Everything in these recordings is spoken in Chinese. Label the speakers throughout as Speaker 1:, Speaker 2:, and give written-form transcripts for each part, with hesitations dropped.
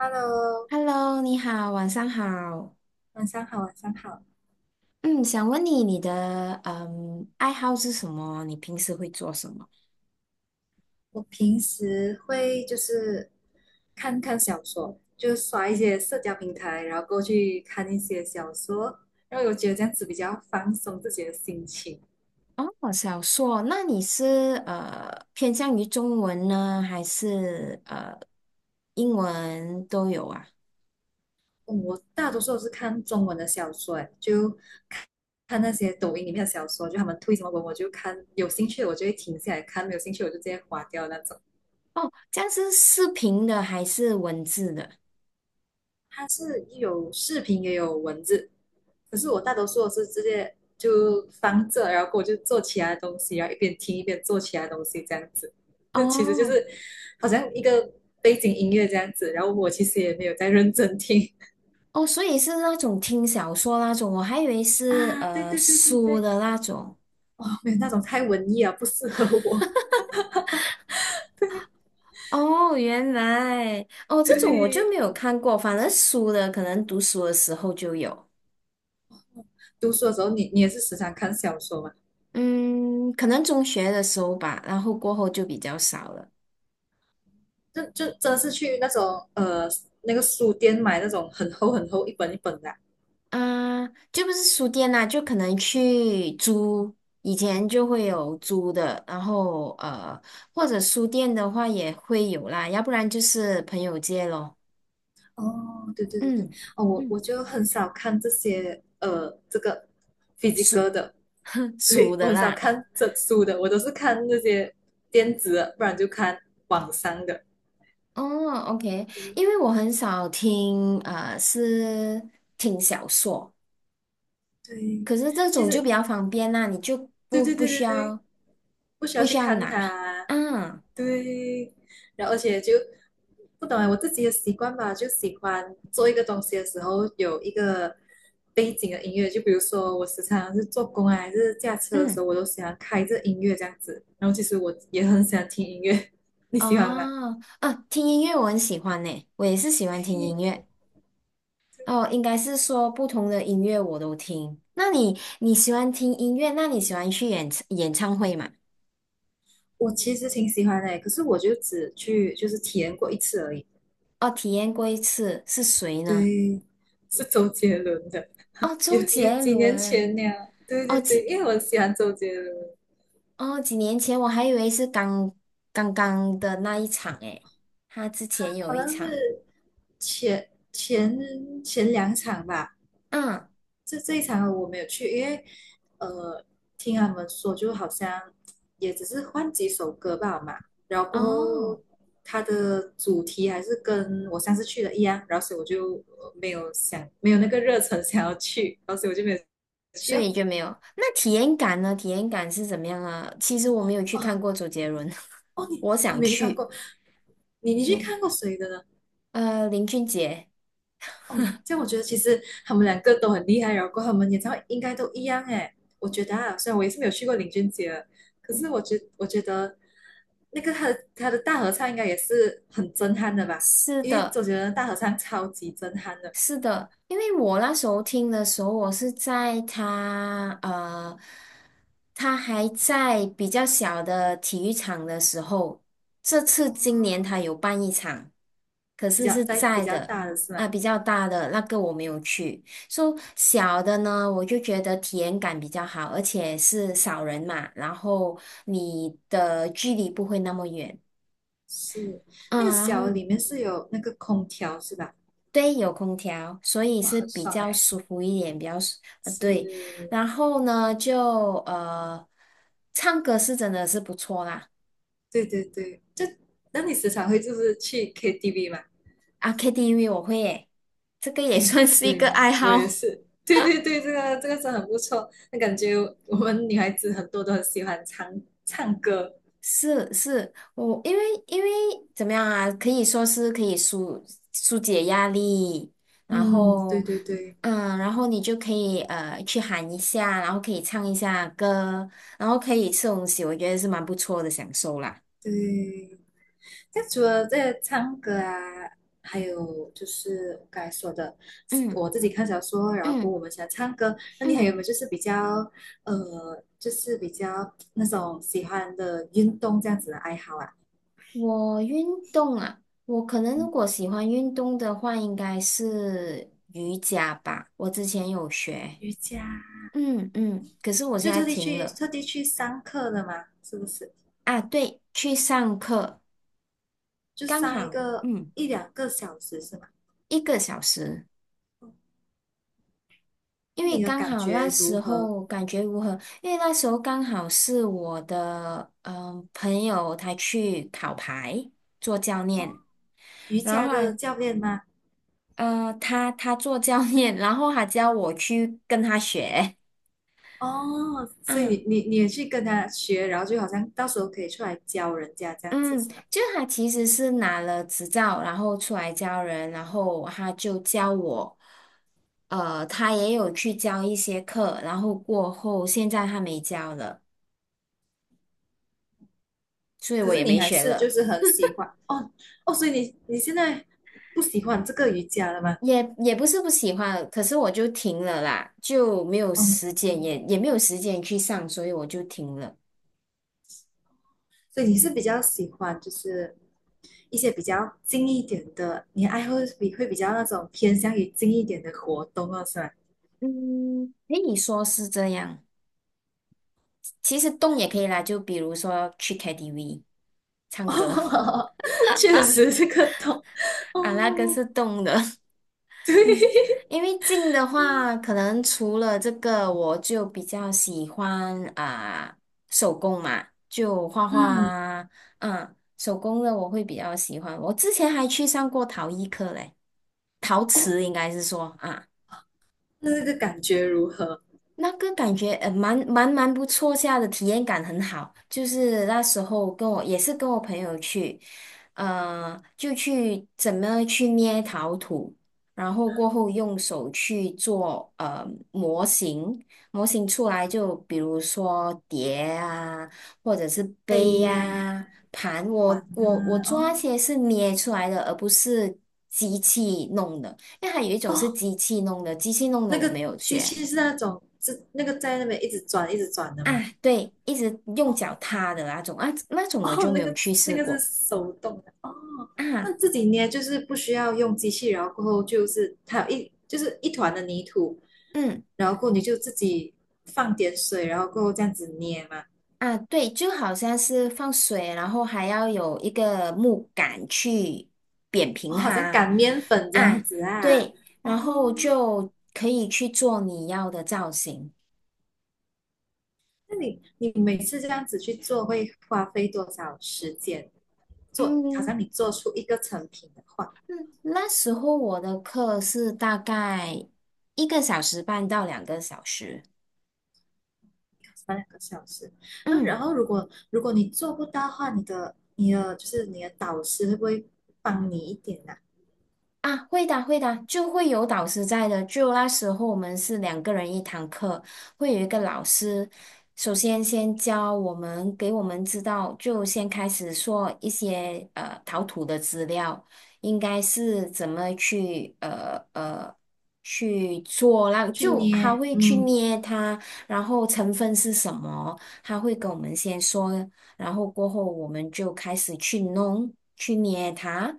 Speaker 1: Hello，
Speaker 2: Hello，你好，晚上好。
Speaker 1: 晚上好，晚上好。
Speaker 2: 嗯，想问你，你的爱好是什么？你平时会做什么？
Speaker 1: 我平时会就是看看小说，就刷一些社交平台，然后过去看一些小说，然后我觉得这样子比较放松自己的心情。
Speaker 2: 哦，小说，那你是偏向于中文呢，还是英文都有啊？
Speaker 1: 嗯我大多数都是看中文的小说，诶，就看那些抖音里面的小说，就他们推什么文我就看，有兴趣我就会停下来看，没有兴趣我就直接划掉那种。
Speaker 2: 哦，这样是视频的还是文字的？
Speaker 1: 它是有视频也有文字，可是我大多数是直接就放着，然后我就做其他东西，然后一边听一边做其他东西这样子。这其实就
Speaker 2: 哦
Speaker 1: 是好像一个背景音乐这样子，然后我其实也没有在认真听
Speaker 2: 哦，所以是那种听小说那种，我还以为 是
Speaker 1: 啊。对对对对
Speaker 2: 书
Speaker 1: 对，
Speaker 2: 的那种。
Speaker 1: 哦，没有那种太文艺啊，不适合我。
Speaker 2: 哦，原来哦，这种我就没
Speaker 1: 对，
Speaker 2: 有看过，反正书的可能读书的时候就有，
Speaker 1: 读书的时候你也是时常看小说嘛？
Speaker 2: 嗯，可能中学的时候吧，然后过后就比较少了。
Speaker 1: 就真的是去那种那个书店买那种很厚很厚一本一本的啊
Speaker 2: 啊、就不是书店啦、就可能去租，以前就会有租的，然后或者书店的话也会有啦，要不然就是朋友借咯。
Speaker 1: 哦，对对对对，
Speaker 2: 嗯
Speaker 1: 哦，我
Speaker 2: 嗯，
Speaker 1: 我就很少看这些呃，这个飞机哥
Speaker 2: 书
Speaker 1: 的，
Speaker 2: 书
Speaker 1: 对，我
Speaker 2: 的
Speaker 1: 很少
Speaker 2: 啦。
Speaker 1: 看整书的，我都是看那些电子的，不然就看网上的。
Speaker 2: 哦，OK，因为我很少听，是听小说，
Speaker 1: 对，
Speaker 2: 可是这
Speaker 1: 其
Speaker 2: 种就比
Speaker 1: 实
Speaker 2: 较方便啦，你就
Speaker 1: 对
Speaker 2: 不
Speaker 1: 对
Speaker 2: 不
Speaker 1: 对
Speaker 2: 需
Speaker 1: 对对，
Speaker 2: 要
Speaker 1: 不需
Speaker 2: 不
Speaker 1: 要去
Speaker 2: 需要
Speaker 1: 看
Speaker 2: 拿，
Speaker 1: 它。
Speaker 2: 嗯
Speaker 1: 对，然后而且就不懂啊，我自己的习惯吧，就喜欢做一个东西的时候有一个背景的音乐，就比如说我时常是做工啊，还是驾车的时
Speaker 2: 嗯，
Speaker 1: 候，我都喜欢开着音乐这样子。然后其实我也很喜欢听音乐，你喜欢吗？
Speaker 2: 哦，啊，听音乐我很喜欢呢，我也是喜欢听音乐，哦，应该是说不同的音乐我都听。那你你喜欢听音乐，那你喜欢去演唱会吗？
Speaker 1: 我其实挺喜欢的，可是我就只去就是体验过一次而已。
Speaker 2: 哦，体验过一次，是谁呢？
Speaker 1: 对，是周杰伦的，
Speaker 2: 哦，
Speaker 1: 也
Speaker 2: 周
Speaker 1: 也
Speaker 2: 杰
Speaker 1: 几年
Speaker 2: 伦。
Speaker 1: 前了。对对
Speaker 2: 哦，
Speaker 1: 对，
Speaker 2: 杰。
Speaker 1: 因为我很喜欢周杰伦。
Speaker 2: 哦，几年前我还以为是刚的那一场诶，他之前有
Speaker 1: 好
Speaker 2: 一
Speaker 1: 像
Speaker 2: 场，
Speaker 1: 是前两场吧，
Speaker 2: 嗯，
Speaker 1: 这一场我没有去，因为呃，听他们说就好像也只是换几首歌吧嘛，然后过后
Speaker 2: 哦，
Speaker 1: 它的主题还是跟我上次去的一样，然后所以我就没有想没有那个热忱想要去，然后所以我就没有去
Speaker 2: 所
Speaker 1: 哦。
Speaker 2: 以就没有。那体验感呢？体验感是怎么样啊？其实我没有去
Speaker 1: 哦
Speaker 2: 看过周杰伦，
Speaker 1: 哦，你
Speaker 2: 我
Speaker 1: 哦你
Speaker 2: 想
Speaker 1: 没去看
Speaker 2: 去。
Speaker 1: 过，你去
Speaker 2: 没，
Speaker 1: 看过谁的呢？
Speaker 2: 呃，林俊杰，
Speaker 1: 哦，这样我觉得其实他们两个都很厉害，然后过后他们演唱会应该都一样诶。我觉得啊，虽然我也是没有去过林俊杰，可是我觉得那个他的大合唱应该也是很震撼的吧？
Speaker 2: 是
Speaker 1: 因为
Speaker 2: 的，
Speaker 1: 总觉得大合唱超级震撼的，
Speaker 2: 是的，因为我那时候听的时候，我是在他还在比较小的体育场的时候，这次今年他有办一场，可
Speaker 1: 比
Speaker 2: 是
Speaker 1: 较
Speaker 2: 是
Speaker 1: 在比
Speaker 2: 在
Speaker 1: 较
Speaker 2: 的
Speaker 1: 大的是吗？
Speaker 2: 啊，比较大的那个我没有去，说小的呢，我就觉得体验感比较好，而且是少人嘛，然后你的距离不会那么远。
Speaker 1: 是那个
Speaker 2: 嗯，然
Speaker 1: 小的
Speaker 2: 后
Speaker 1: 里面是有那个空调是吧？
Speaker 2: 对，有空调，所以
Speaker 1: 哇，
Speaker 2: 是
Speaker 1: 很
Speaker 2: 比
Speaker 1: 爽
Speaker 2: 较
Speaker 1: 诶。
Speaker 2: 舒服一点，比较舒，对。
Speaker 1: 是，
Speaker 2: 然后呢，唱歌是真的是不错啦。
Speaker 1: 对对对，就那你时常会就是去 KTV 吗？
Speaker 2: 啊，KTV 我会耶，这个也 算是一
Speaker 1: 对，
Speaker 2: 个爱
Speaker 1: 我也
Speaker 2: 好。
Speaker 1: 是。对对对，这个这个是很不错。那感觉我们女孩子很多都很喜欢唱唱歌。
Speaker 2: 是是，我因为怎么样啊，可以说是可以疏疏解压力，然
Speaker 1: 嗯，对
Speaker 2: 后
Speaker 1: 对对
Speaker 2: 嗯，然后你就可以去喊一下，然后可以唱一下歌，然后可以吃东西，我觉得是蛮不错的享受啦。
Speaker 1: 对。那除了这个唱歌啊，还有就是我刚才说的，
Speaker 2: 嗯
Speaker 1: 我自己看小说，然后过后
Speaker 2: 嗯。
Speaker 1: 我们喜欢唱歌。那你还有
Speaker 2: 嗯，
Speaker 1: 没有就是比较就是比较那种喜欢的运动这样子的爱好啊？
Speaker 2: 我动啊，我可能如
Speaker 1: 嗯，
Speaker 2: 果喜欢运动的话，应该是瑜伽吧。我之前有学，
Speaker 1: 瑜伽，
Speaker 2: 嗯嗯，可是我
Speaker 1: 就
Speaker 2: 现在
Speaker 1: 特地
Speaker 2: 停
Speaker 1: 去
Speaker 2: 了
Speaker 1: 特地去上课的嘛，是不是？
Speaker 2: 啊。对，去上课，
Speaker 1: 就
Speaker 2: 刚
Speaker 1: 上一
Speaker 2: 好
Speaker 1: 个
Speaker 2: 嗯
Speaker 1: 一两个小时是吗？
Speaker 2: 一个小时，因为
Speaker 1: 你的
Speaker 2: 刚
Speaker 1: 感
Speaker 2: 好那
Speaker 1: 觉如
Speaker 2: 时
Speaker 1: 何？
Speaker 2: 候感觉如何？因为那时候刚好是我的朋友他去考牌做教练。
Speaker 1: 哦，瑜
Speaker 2: 然
Speaker 1: 伽
Speaker 2: 后
Speaker 1: 的
Speaker 2: 啊
Speaker 1: 教练吗？
Speaker 2: 他做教练，然后还叫我去跟他学。
Speaker 1: 哦，所以
Speaker 2: 嗯
Speaker 1: 你也去跟他学，然后就好像到时候可以出来教人家这样子
Speaker 2: 嗯，
Speaker 1: 是吗？
Speaker 2: 就他其实是拿了执照，然后出来教人，然后他就教我，呃，他也有去教一些课，然后过后现在他没教了，所以
Speaker 1: 可
Speaker 2: 我
Speaker 1: 是
Speaker 2: 也
Speaker 1: 你
Speaker 2: 没
Speaker 1: 还
Speaker 2: 学
Speaker 1: 是
Speaker 2: 了，
Speaker 1: 就是很喜欢哦哦，所以你你现在不喜欢这个瑜伽了吗？
Speaker 2: 也不是不喜欢，可是我就停了啦，就没有时
Speaker 1: 哦，
Speaker 2: 间，也没有时间去上，所以我就停了。
Speaker 1: 所以你是比较喜欢就是一些比较静一点的，你爱好比会比较那种偏向于静一点的活动哦，是吗？
Speaker 2: 嗯，诶，你说是这样。其实动也可以啦，就比如说去 KTV 唱歌。
Speaker 1: 哦，确实是个痛
Speaker 2: 啊，那个
Speaker 1: 哦，
Speaker 2: 是动的，嗯，
Speaker 1: 对，
Speaker 2: 因为静的话，可能除了这个，我就比较喜欢啊、手工嘛，就画画
Speaker 1: 嗯，
Speaker 2: 啊，嗯，手工的我会比较喜欢。我之前还去上过陶艺课嘞，陶
Speaker 1: 哦，
Speaker 2: 瓷应该是说啊。
Speaker 1: 那这个感觉如何？
Speaker 2: 那个感觉蛮不错下的，体验感很好，就是那时候跟我朋友去，呃，就去怎么去捏陶土，然后过后用手去做模型，模型出来就比如说碟啊，或者是杯
Speaker 1: 飞呀、
Speaker 2: 呀盘，
Speaker 1: 完
Speaker 2: 我
Speaker 1: 了
Speaker 2: 做那
Speaker 1: 哦
Speaker 2: 些是捏出来的，而不是机器弄的，因为还有一种是
Speaker 1: 哦，
Speaker 2: 机器弄的，机器弄的
Speaker 1: 那
Speaker 2: 我
Speaker 1: 个
Speaker 2: 没有
Speaker 1: 机
Speaker 2: 学。
Speaker 1: 器是那种是那个在那边一直转的
Speaker 2: 啊，
Speaker 1: 吗？
Speaker 2: 对，一直用
Speaker 1: 哦
Speaker 2: 脚踏的那种啊，那种我
Speaker 1: 哦，
Speaker 2: 就没
Speaker 1: 那
Speaker 2: 有
Speaker 1: 个
Speaker 2: 去
Speaker 1: 那
Speaker 2: 试
Speaker 1: 个是
Speaker 2: 过
Speaker 1: 手动的哦，那
Speaker 2: 啊。
Speaker 1: 自己捏就是不需要用机器，然后过后就是它有一就是一团的泥土，
Speaker 2: 嗯
Speaker 1: 然后过后你就自己放点水，然后过后这样子捏嘛。
Speaker 2: 啊，对，就好像是放水，然后还要有一个木杆去扁
Speaker 1: 哦，
Speaker 2: 平
Speaker 1: 好像
Speaker 2: 它
Speaker 1: 擀面粉这样
Speaker 2: 啊。
Speaker 1: 子啊。
Speaker 2: 对，然
Speaker 1: 哦，
Speaker 2: 后就可以去做你要的造型。
Speaker 1: 那你你每次这样子去做，会花费多少时间？做，好
Speaker 2: 嗯
Speaker 1: 像你做出一个成品的话，要
Speaker 2: 嗯，那时候我的课是大概一个小时半到两个小时。
Speaker 1: 三两个小时。那然
Speaker 2: 嗯。
Speaker 1: 后如果你做不到的话，你的就是你的导师会不会帮你一点啊？
Speaker 2: 啊，会的，会的，就会有导师在的。就那时候我们是两个人一堂课，会有一个老师，首先先教我们，给我们知道，就先开始说一些陶土的资料，应该是怎么去去做那，
Speaker 1: 去
Speaker 2: 就他
Speaker 1: 捏，
Speaker 2: 会去
Speaker 1: 嗯，
Speaker 2: 捏它，然后成分是什么，他会跟我们先说，然后过后我们就开始去弄，去捏它。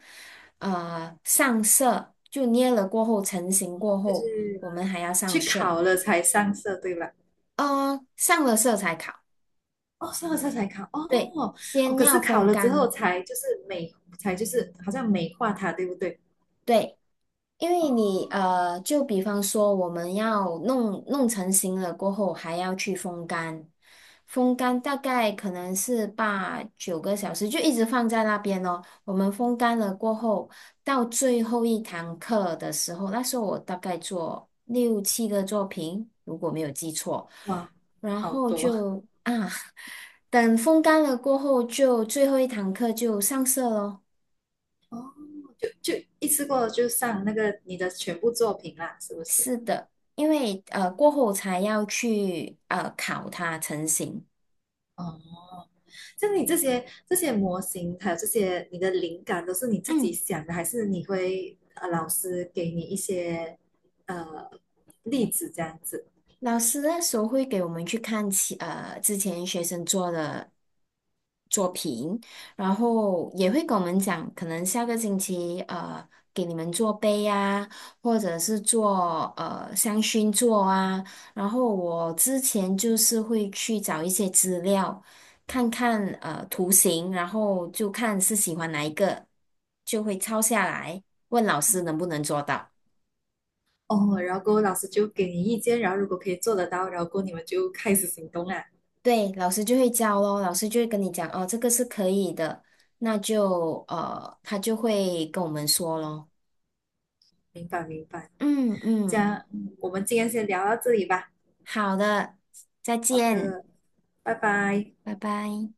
Speaker 2: 呃上色，就捏了过后成型过
Speaker 1: 就
Speaker 2: 后，
Speaker 1: 是
Speaker 2: 我们还要上
Speaker 1: 去
Speaker 2: 色，
Speaker 1: 烤了才上色，对吧？
Speaker 2: 呃，上了色才烤。
Speaker 1: 哦，上了色才烤，
Speaker 2: 对，
Speaker 1: 哦哦，
Speaker 2: 先
Speaker 1: 可
Speaker 2: 要
Speaker 1: 是烤
Speaker 2: 风
Speaker 1: 了之后
Speaker 2: 干。
Speaker 1: 才就是美，才就是好像美化它，对不对？
Speaker 2: 对，因为你呃，就比方说我们要弄成型了过后，还要去风干，风干大概可能是八九个小时，就一直放在那边哦。我们风干了过后，到最后一堂课的时候，那时候我大概做六七个作品，如果没有记错，
Speaker 1: 哇，
Speaker 2: 然
Speaker 1: 好
Speaker 2: 后
Speaker 1: 多
Speaker 2: 就啊，等风干了过后就，最后一堂课就上色咯。
Speaker 1: 哦 就一次过就上那个你的全部作品啦，是不是？
Speaker 2: 是的，因为过后才要去烤它成型。
Speaker 1: 哦，像你这些模型，还有这些你的灵感，都是你自己
Speaker 2: 嗯。
Speaker 1: 想的，还是你会老师给你一些呃例子这样子？
Speaker 2: 老师那时候会给我们去看之前学生做的作品，然后也会跟我们讲，可能下个星期给你们做杯啊，或者是做香薰座啊。然后我之前就是会去找一些资料，看看图形，然后就看是喜欢哪一个，就会抄下来，问老师能不能做到。
Speaker 1: 哦，然后过后老师就给你意见，然后如果可以做得到，然后过后你们就开始行动啦。
Speaker 2: 对，老师就会教咯，老师就会跟你讲哦，这个是可以的，那就呃，他就会跟我们说咯。
Speaker 1: 明白明白，
Speaker 2: 嗯
Speaker 1: 这
Speaker 2: 嗯，
Speaker 1: 样我们今天先聊到这里吧。
Speaker 2: 好的，再
Speaker 1: 好
Speaker 2: 见，
Speaker 1: 的，拜拜。
Speaker 2: 拜拜。